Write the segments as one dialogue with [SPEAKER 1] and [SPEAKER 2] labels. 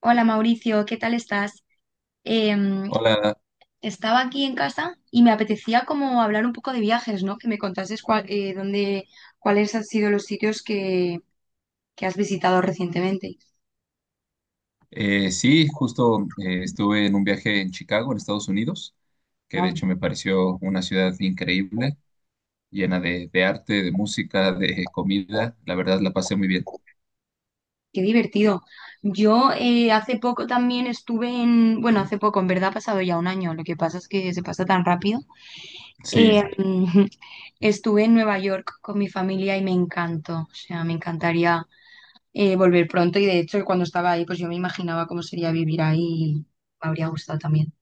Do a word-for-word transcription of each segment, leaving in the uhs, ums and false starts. [SPEAKER 1] Hola Mauricio, ¿qué tal estás? Em,
[SPEAKER 2] Hola.
[SPEAKER 1] estaba aquí en casa y me apetecía como hablar un poco de viajes, ¿no? Que me contases cuál, eh, dónde, cuáles han sido los sitios que, que has visitado recientemente.
[SPEAKER 2] Eh, sí, justo eh, Estuve en un viaje en Chicago, en Estados Unidos, que de
[SPEAKER 1] Wow,
[SPEAKER 2] hecho me pareció una ciudad increíble, llena de, de arte, de música, de comida. La verdad la pasé muy bien.
[SPEAKER 1] qué divertido. Yo eh, hace poco también estuve en, bueno, hace poco, en verdad ha pasado ya un año, lo que pasa es que se pasa tan rápido.
[SPEAKER 2] Sí,
[SPEAKER 1] Em, estuve en Nueva York con mi familia y me encantó, o sea, me encantaría eh, volver pronto y de hecho cuando estaba ahí pues yo me imaginaba cómo sería vivir ahí y me habría gustado también.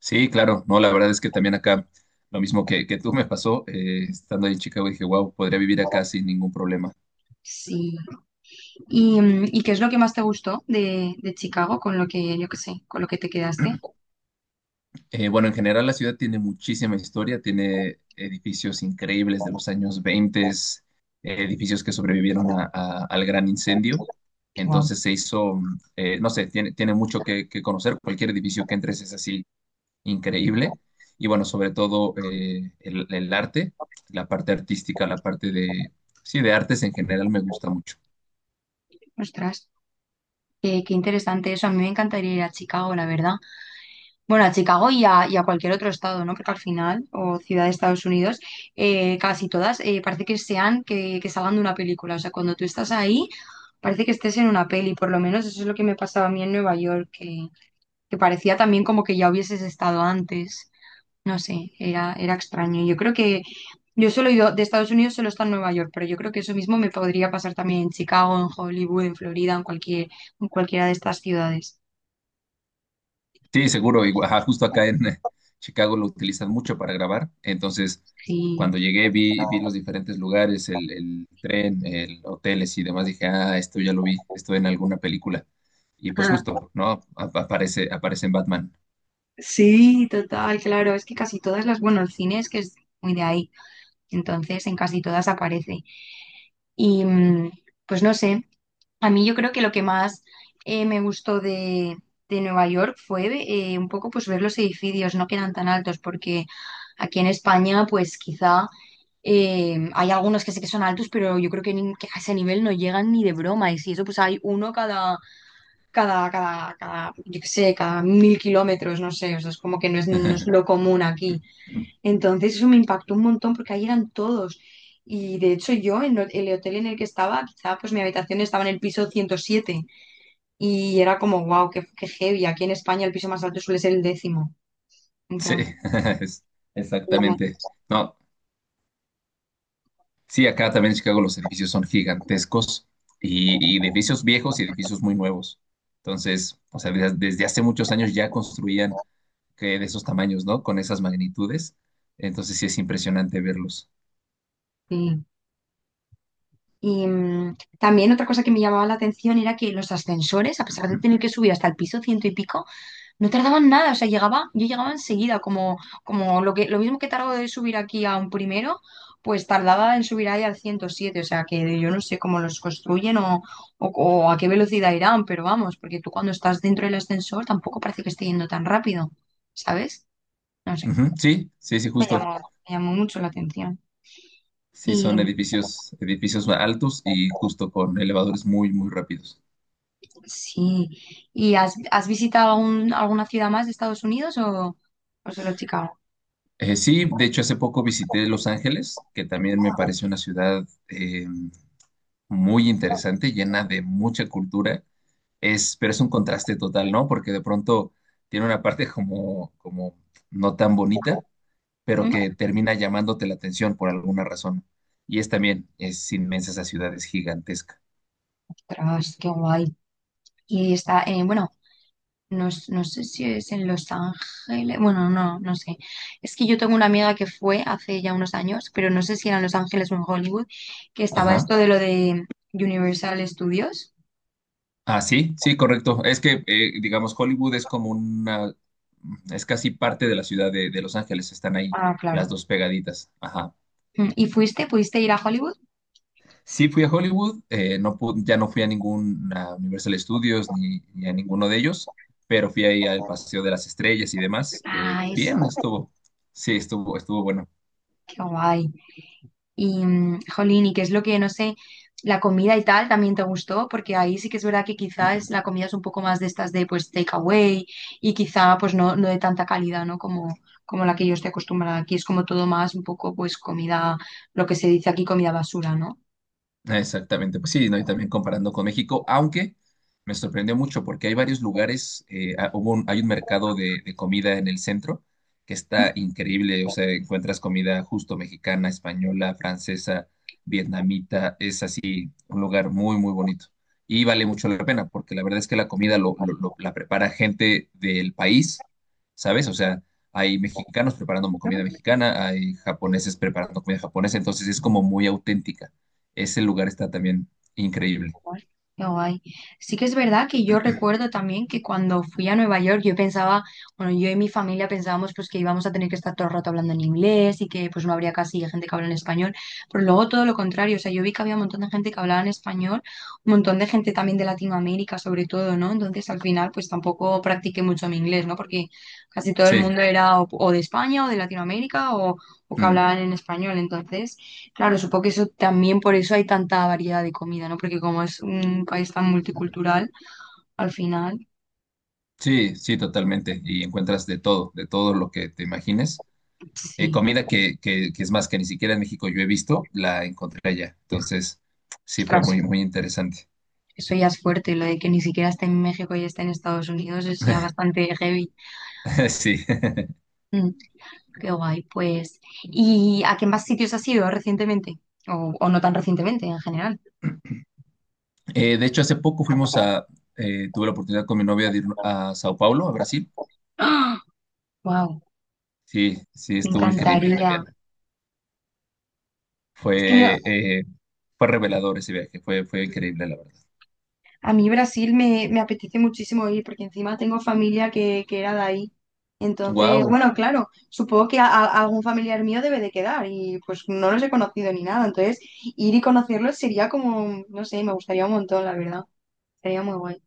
[SPEAKER 2] sí, claro. No, la verdad es que también acá, lo mismo que, que tú me pasó, eh, estando ahí en Chicago, dije, wow, podría vivir acá sin ningún problema.
[SPEAKER 1] Sí. ¿Y, mm, ¿y qué es lo que más te gustó de, de Chicago con lo que, yo qué sé, con lo que te quedaste?
[SPEAKER 2] Eh, bueno, en general la ciudad tiene muchísima historia, tiene edificios increíbles de los años veinte, edificios que sobrevivieron a- a- al gran incendio.
[SPEAKER 1] Wow.
[SPEAKER 2] Entonces se hizo, mm, eh, no sé, tiene, tiene mucho que, que conocer. Cualquier edificio que entres es así increíble. Y bueno, sobre todo eh, el, el arte, la parte artística, la parte de, sí, de artes en general me gusta mucho.
[SPEAKER 1] Ostras, qué, qué interesante eso. A mí me encantaría ir a Chicago, la verdad. Bueno, a Chicago y a, y a cualquier otro estado, ¿no? Porque al final, o ciudad de Estados Unidos, eh, casi todas eh, parece que sean que, que salgan de una película. O sea, cuando tú estás ahí... Parece que estés en una peli, por lo menos eso es lo que me pasaba a mí en Nueva York, que, que parecía también como que ya hubieses estado antes. No sé, era, era extraño. Yo creo que yo solo he ido de Estados Unidos, solo está en Nueva York, pero yo creo que eso mismo me podría pasar también en Chicago, en Hollywood, en Florida, en cualquier, en cualquiera de estas ciudades.
[SPEAKER 2] Sí, seguro. Igual, ajá, justo acá en eh, Chicago lo utilizan mucho para grabar. Entonces,
[SPEAKER 1] Sí.
[SPEAKER 2] cuando llegué vi, vi los diferentes lugares, el, el tren, el hoteles y demás. Dije, ah, esto ya lo vi, esto en alguna película. Y pues
[SPEAKER 1] Ah,
[SPEAKER 2] justo, ¿no? Ap- aparece, aparece en Batman.
[SPEAKER 1] Sí, total, claro. Es que casi todas las, bueno, el cine es que es muy de ahí. Entonces, en casi todas aparece. Y mm, pues no sé. A mí yo creo que lo que más eh, me gustó de, de Nueva York fue eh, un poco pues ver los edificios, no quedan tan altos, porque aquí en España pues quizá eh, hay algunos que sé que son altos, pero yo creo que, ni- que a ese nivel no llegan ni de broma, y si eso pues hay uno cada, cada, cada, cada, yo qué sé, cada mil kilómetros, no sé, o sea, es como que no es, no es lo común aquí. Entonces eso me impactó un montón porque ahí eran todos. Y de hecho yo en el hotel en el que estaba, quizá pues mi habitación estaba en el piso ciento siete y era como, wow, qué, qué heavy. Aquí en España el piso más alto suele ser el décimo.
[SPEAKER 2] Sí,
[SPEAKER 1] Entonces,
[SPEAKER 2] es-
[SPEAKER 1] ya no-
[SPEAKER 2] exactamente. No, sí, acá también en Chicago los edificios son gigantescos y, y edificios viejos y edificios muy nuevos. Entonces, o sea, desde, desde hace muchos años ya construían que de esos tamaños, ¿no? Con esas magnitudes. Entonces sí es impresionante verlos.
[SPEAKER 1] sí. Y mm, también otra cosa que me llamaba la atención era que los ascensores, a pesar de tener que subir hasta el piso ciento y pico, no tardaban nada. O sea, llegaba, yo llegaba enseguida, como, como lo que, lo mismo que tardó de subir aquí a un primero, pues tardaba en subir ahí al ciento siete. O sea, que yo no sé cómo los construyen o, o o a qué velocidad irán, pero vamos, porque tú cuando estás dentro del ascensor tampoco parece que esté yendo tan rápido, ¿sabes? No sé.
[SPEAKER 2] Ujú. Sí, sí, sí,
[SPEAKER 1] Me
[SPEAKER 2] justo.
[SPEAKER 1] llamó, me llamó mucho la atención.
[SPEAKER 2] Sí, son
[SPEAKER 1] Y
[SPEAKER 2] edificios, edificios altos y justo con elevadores muy, muy rápidos.
[SPEAKER 1] sí, ¿y has, has visitado algún- alguna ciudad más de Estados Unidos o, o solo Chicago?
[SPEAKER 2] Eh, sí, de hecho, hace poco visité Los Ángeles, que también me parece una ciudad em, muy interesante, llena de mucha cultura, es, pero es un contraste total, ¿no? Porque de pronto tiene una parte como, como no tan bonita, pero
[SPEAKER 1] ¿Mm?
[SPEAKER 2] que termina llamándote la atención por alguna razón. Y es también, es inmensa esa ciudad, es gigantesca.
[SPEAKER 1] Ostras, qué guay. Y está, eh, bueno, no, s- no sé si es en Los Ángeles, bueno, no, no sé. Es que yo tengo una amiga que fue hace ya unos años, pero no sé si era en Los Ángeles o en Hollywood, que estaba
[SPEAKER 2] Ajá.
[SPEAKER 1] esto de lo de Universal Studios.
[SPEAKER 2] Ah, sí, sí, correcto. Es que, eh, digamos, Hollywood es como una, es casi parte de la ciudad de, de Los Ángeles, están ahí
[SPEAKER 1] Ah, claro.
[SPEAKER 2] las dos pegaditas. Ajá.
[SPEAKER 1] Mm, ¿Y fuiste? ¿Pudiste ir a Hollywood?
[SPEAKER 2] Sí fui a Hollywood, eh, no pu- ya no fui a ningún a Universal Studios ni, ni a ninguno de ellos, pero fui ahí al Paseo de las Estrellas y demás. Eh,
[SPEAKER 1] Ah, eso,
[SPEAKER 2] bien, estuvo, sí, estuvo, estuvo bueno.
[SPEAKER 1] qué guay. Y, mm, jolín, ¿y qué es lo que, no sé, la comida y tal también te gustó? Porque ahí sí que es verdad que quizás la comida es un poco más de estas de, pues, takeaway y quizá, pues, no, no de tanta calidad, ¿no? Como, como la que yo estoy acostumbrada. Aquí es como todo más un poco, pues, comida, lo que se dice aquí, comida basura, ¿no?
[SPEAKER 2] Exactamente, pues sí, ¿no? Y también comparando con México, aunque me sorprendió mucho porque hay varios lugares, eh, ah, hubo un- hay un mercado de, de comida en el centro que está increíble, o sea, encuentras comida justo mexicana, española, francesa, vietnamita, es así, un lugar muy, muy bonito. Y vale mucho la pena porque la verdad es que la comida lo, lo- lo- la prepara gente del país, ¿sabes? O sea, hay mexicanos preparando comida mexicana, hay japoneses preparando comida japonesa, entonces es como muy auténtica. Ese lugar está también increíble.
[SPEAKER 1] Guay, qué guay. Sí que es verdad que yo recuerdo también que cuando fui a Nueva York yo pensaba, bueno, yo y mi familia pensábamos pues que íbamos a tener que estar todo el rato hablando en inglés y que pues no habría casi gente que habla en español, pero luego todo lo contrario, o sea, yo vi que había un montón de gente que hablaba en español, un montón de gente también de Latinoamérica sobre todo, ¿no? Entonces al final pues tampoco practiqué mucho mi inglés, ¿no? Porque casi todo el
[SPEAKER 2] Sí,
[SPEAKER 1] mundo era o, o de España o de Latinoamérica o, o que
[SPEAKER 2] mm,
[SPEAKER 1] hablaban en español, entonces... Claro, supongo que eso también por eso hay tanta variedad de comida, ¿no? Porque como es un país tan multicultural, al final,
[SPEAKER 2] sí, sí, totalmente. Y encuentras de todo, de todo lo que te imagines. Eh,
[SPEAKER 1] sí.
[SPEAKER 2] comida que, que, que es más que ni siquiera en México yo he visto, la encontré allá. Entonces, sí, fue
[SPEAKER 1] Ostras,
[SPEAKER 2] muy, muy interesante.
[SPEAKER 1] eso ya es fuerte, lo de que ni siquiera esté en México y esté en Estados Unidos es ya bastante heavy.
[SPEAKER 2] Sí.
[SPEAKER 1] Mm, qué guay, pues. ¿Y a qué más sitios has ido recientemente? O, o no tan recientemente, en general.
[SPEAKER 2] Eh, de hecho, hace poco fuimos a, eh, tuve la oportunidad con mi novia de ir a Sao Paulo, a Brasil.
[SPEAKER 1] ¡Ah! ¡Wow!
[SPEAKER 2] Sí, sí,
[SPEAKER 1] Me
[SPEAKER 2] estuvo increíble
[SPEAKER 1] encantaría.
[SPEAKER 2] también.
[SPEAKER 1] Es que yo,
[SPEAKER 2] Fue, eh, fue revelador ese viaje, fue, fue increíble, la verdad.
[SPEAKER 1] a mí Brasil me, me apetece muchísimo ir porque encima tengo familia que, que era de ahí. Entonces,
[SPEAKER 2] Wow.
[SPEAKER 1] bueno, claro, supongo que a- a- algún familiar mío debe de quedar y pues no los he conocido ni nada. Entonces, ir y conocerlos sería como, no sé, me gustaría un montón, la verdad. Sería muy guay.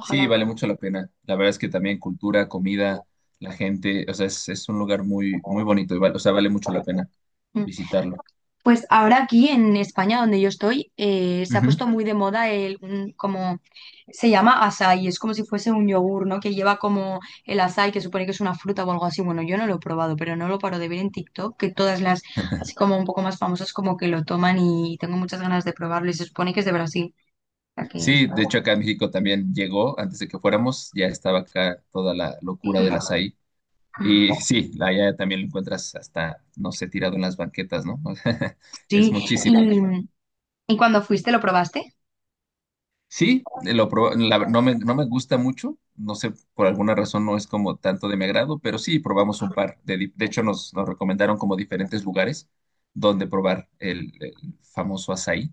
[SPEAKER 2] Sí, vale mucho la pena. La verdad es que también cultura, comida, la gente, o sea, es, es un lugar muy, muy bonito y vale- o sea, vale mucho la pena
[SPEAKER 1] Mm.
[SPEAKER 2] visitarlo.
[SPEAKER 1] Pues ahora aquí en España, donde yo estoy, eh, se ha
[SPEAKER 2] Ujú.
[SPEAKER 1] puesto muy de moda el, un- como se llama açaí, es como si fuese un yogur, ¿no? Que lleva como el açaí, que supone que es una fruta o algo así. Bueno, yo no lo he probado, pero no lo paro de ver en TikTok, que todas las, así como un poco más famosas, como que lo toman y tengo muchas ganas de probarlo y se supone que es de Brasil. O sea que
[SPEAKER 2] Sí,
[SPEAKER 1] está-
[SPEAKER 2] de hecho acá en México también llegó, antes de que fuéramos, ya estaba acá toda la locura del açaí.
[SPEAKER 1] Mm,
[SPEAKER 2] Y sí, allá también lo encuentras hasta, no sé, tirado en las banquetas, ¿no? Es
[SPEAKER 1] sí,
[SPEAKER 2] muchísimo.
[SPEAKER 1] y, y cuando fuiste, ¿lo probaste?
[SPEAKER 2] Sí, eh, lo proba- la- no me, no me gusta mucho, no sé, por alguna razón no es como tanto de mi agrado, pero sí probamos un par. De, di- de hecho, nos, nos recomendaron como diferentes lugares donde probar el, el famoso açaí.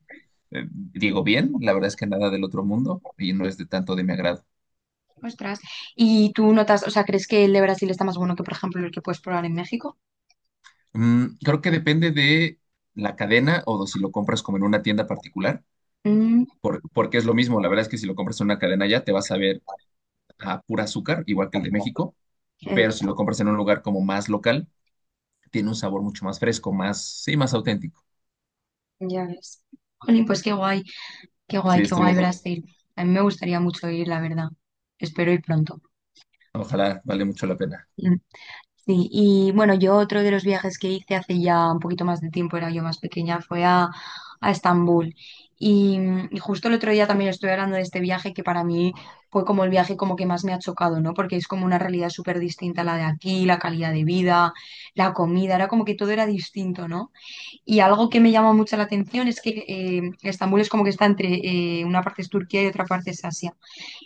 [SPEAKER 2] Eh, digo bien, la verdad es que nada del otro mundo y no es de tanto de mi agrado.
[SPEAKER 1] Ostras. ¿Y tú notas, o sea, crees que el de Brasil está más bueno que, por ejemplo, el que puedes probar en México?
[SPEAKER 2] Mm, creo que depende de la cadena o de si lo compras como en una tienda particular,
[SPEAKER 1] Mm,
[SPEAKER 2] por- porque es lo mismo. La verdad es que si lo compras en una cadena ya te vas a ver a pura azúcar, igual que el de México,
[SPEAKER 1] eh,
[SPEAKER 2] pero si lo compras en un lugar como más local tiene un sabor mucho más fresco, más, sí, más auténtico.
[SPEAKER 1] Ya ves. Jolín, pues qué guay, qué guay,
[SPEAKER 2] Sí,
[SPEAKER 1] qué
[SPEAKER 2] estuvo
[SPEAKER 1] guay
[SPEAKER 2] bueno.
[SPEAKER 1] Brasil. A mí me gustaría mucho ir, la verdad. Espero ir pronto.
[SPEAKER 2] Ojalá, vale mucho la pena.
[SPEAKER 1] Mm, Sí, y bueno, yo otro de los viajes que hice hace ya un poquito más de tiempo, era yo más pequeña, fue a, a Estambul. Y, mm, y justo el otro día también estuve hablando de este viaje que para mí fue como el viaje como que más me ha chocado, ¿no? Porque es como una realidad súper distinta a la de aquí, la calidad de vida, la comida, era como que todo era distinto, ¿no? Y algo que me llama mucho la atención es que eh, Estambul es como que está entre eh, una parte es Turquía y otra parte es Asia.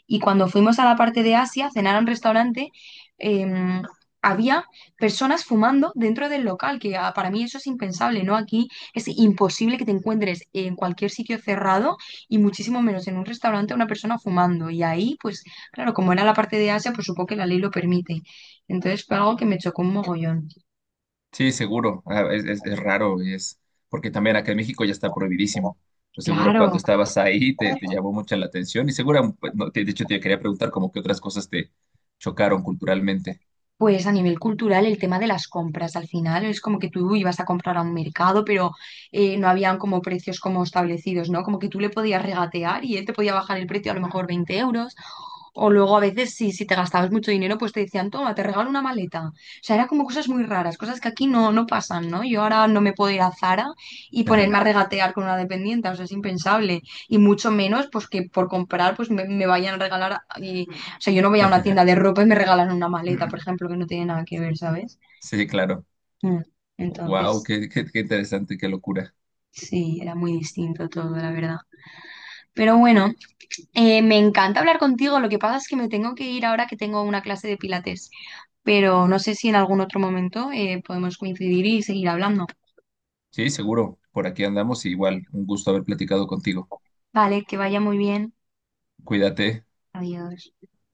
[SPEAKER 1] Y cuando fuimos a la parte de Asia, a cenar a un restaurante, eh, había personas fumando dentro del local, que ah, para mí eso es impensable, ¿no? Aquí es imposible que te encuentres en cualquier sitio cerrado y muchísimo menos en un restaurante una persona fumando. Y ahí, pues claro, como era la parte de Asia, pues supongo que la ley lo permite. Entonces fue algo que me chocó un mogollón.
[SPEAKER 2] Sí, seguro. Ah, es, es, es raro, es porque también acá en México ya está prohibidísimo. Pues seguro cuando
[SPEAKER 1] Claro.
[SPEAKER 2] estabas ahí te, te llamó mucho la atención y seguro, pues, no, te- de hecho, te quería preguntar como qué otras cosas te chocaron culturalmente.
[SPEAKER 1] Pues a nivel cultural, el tema de las compras, al final es como que tú ibas a comprar a un mercado, pero eh, no habían como precios como establecidos, ¿no? Como que tú le podías regatear y él te podía bajar el precio a lo mejor veinte euros. O luego a veces si si te gastabas mucho dinero, pues te decían, toma, te regalo una maleta. O sea, eran como cosas muy raras, cosas que aquí no, no pasan, ¿no? Yo ahora no me puedo ir a Zara y
[SPEAKER 2] Ajá.
[SPEAKER 1] ponerme a regatear con una dependiente, o sea, es impensable. Y mucho menos, pues que por comprar, pues me, me vayan a regalar. Y, o sea, yo no voy a una tienda de ropa y me regalan una maleta, por ejemplo, que no tiene nada que ver, ¿sabes?
[SPEAKER 2] Sí, claro.
[SPEAKER 1] Mm.
[SPEAKER 2] Wow,
[SPEAKER 1] Entonces,
[SPEAKER 2] qué, qué, qué interesante, qué locura.
[SPEAKER 1] sí, era muy distinto todo, la verdad. Pero bueno, eh, me encanta hablar contigo. Lo que pasa es que me tengo que ir ahora que tengo una clase de pilates. pero no sé si en algún otro momento eh, podemos coincidir y seguir hablando.
[SPEAKER 2] Sí, seguro. Por aquí andamos y igual, un gusto haber platicado contigo.
[SPEAKER 1] Vale, que vaya muy bien.
[SPEAKER 2] Cuídate.
[SPEAKER 1] Adiós.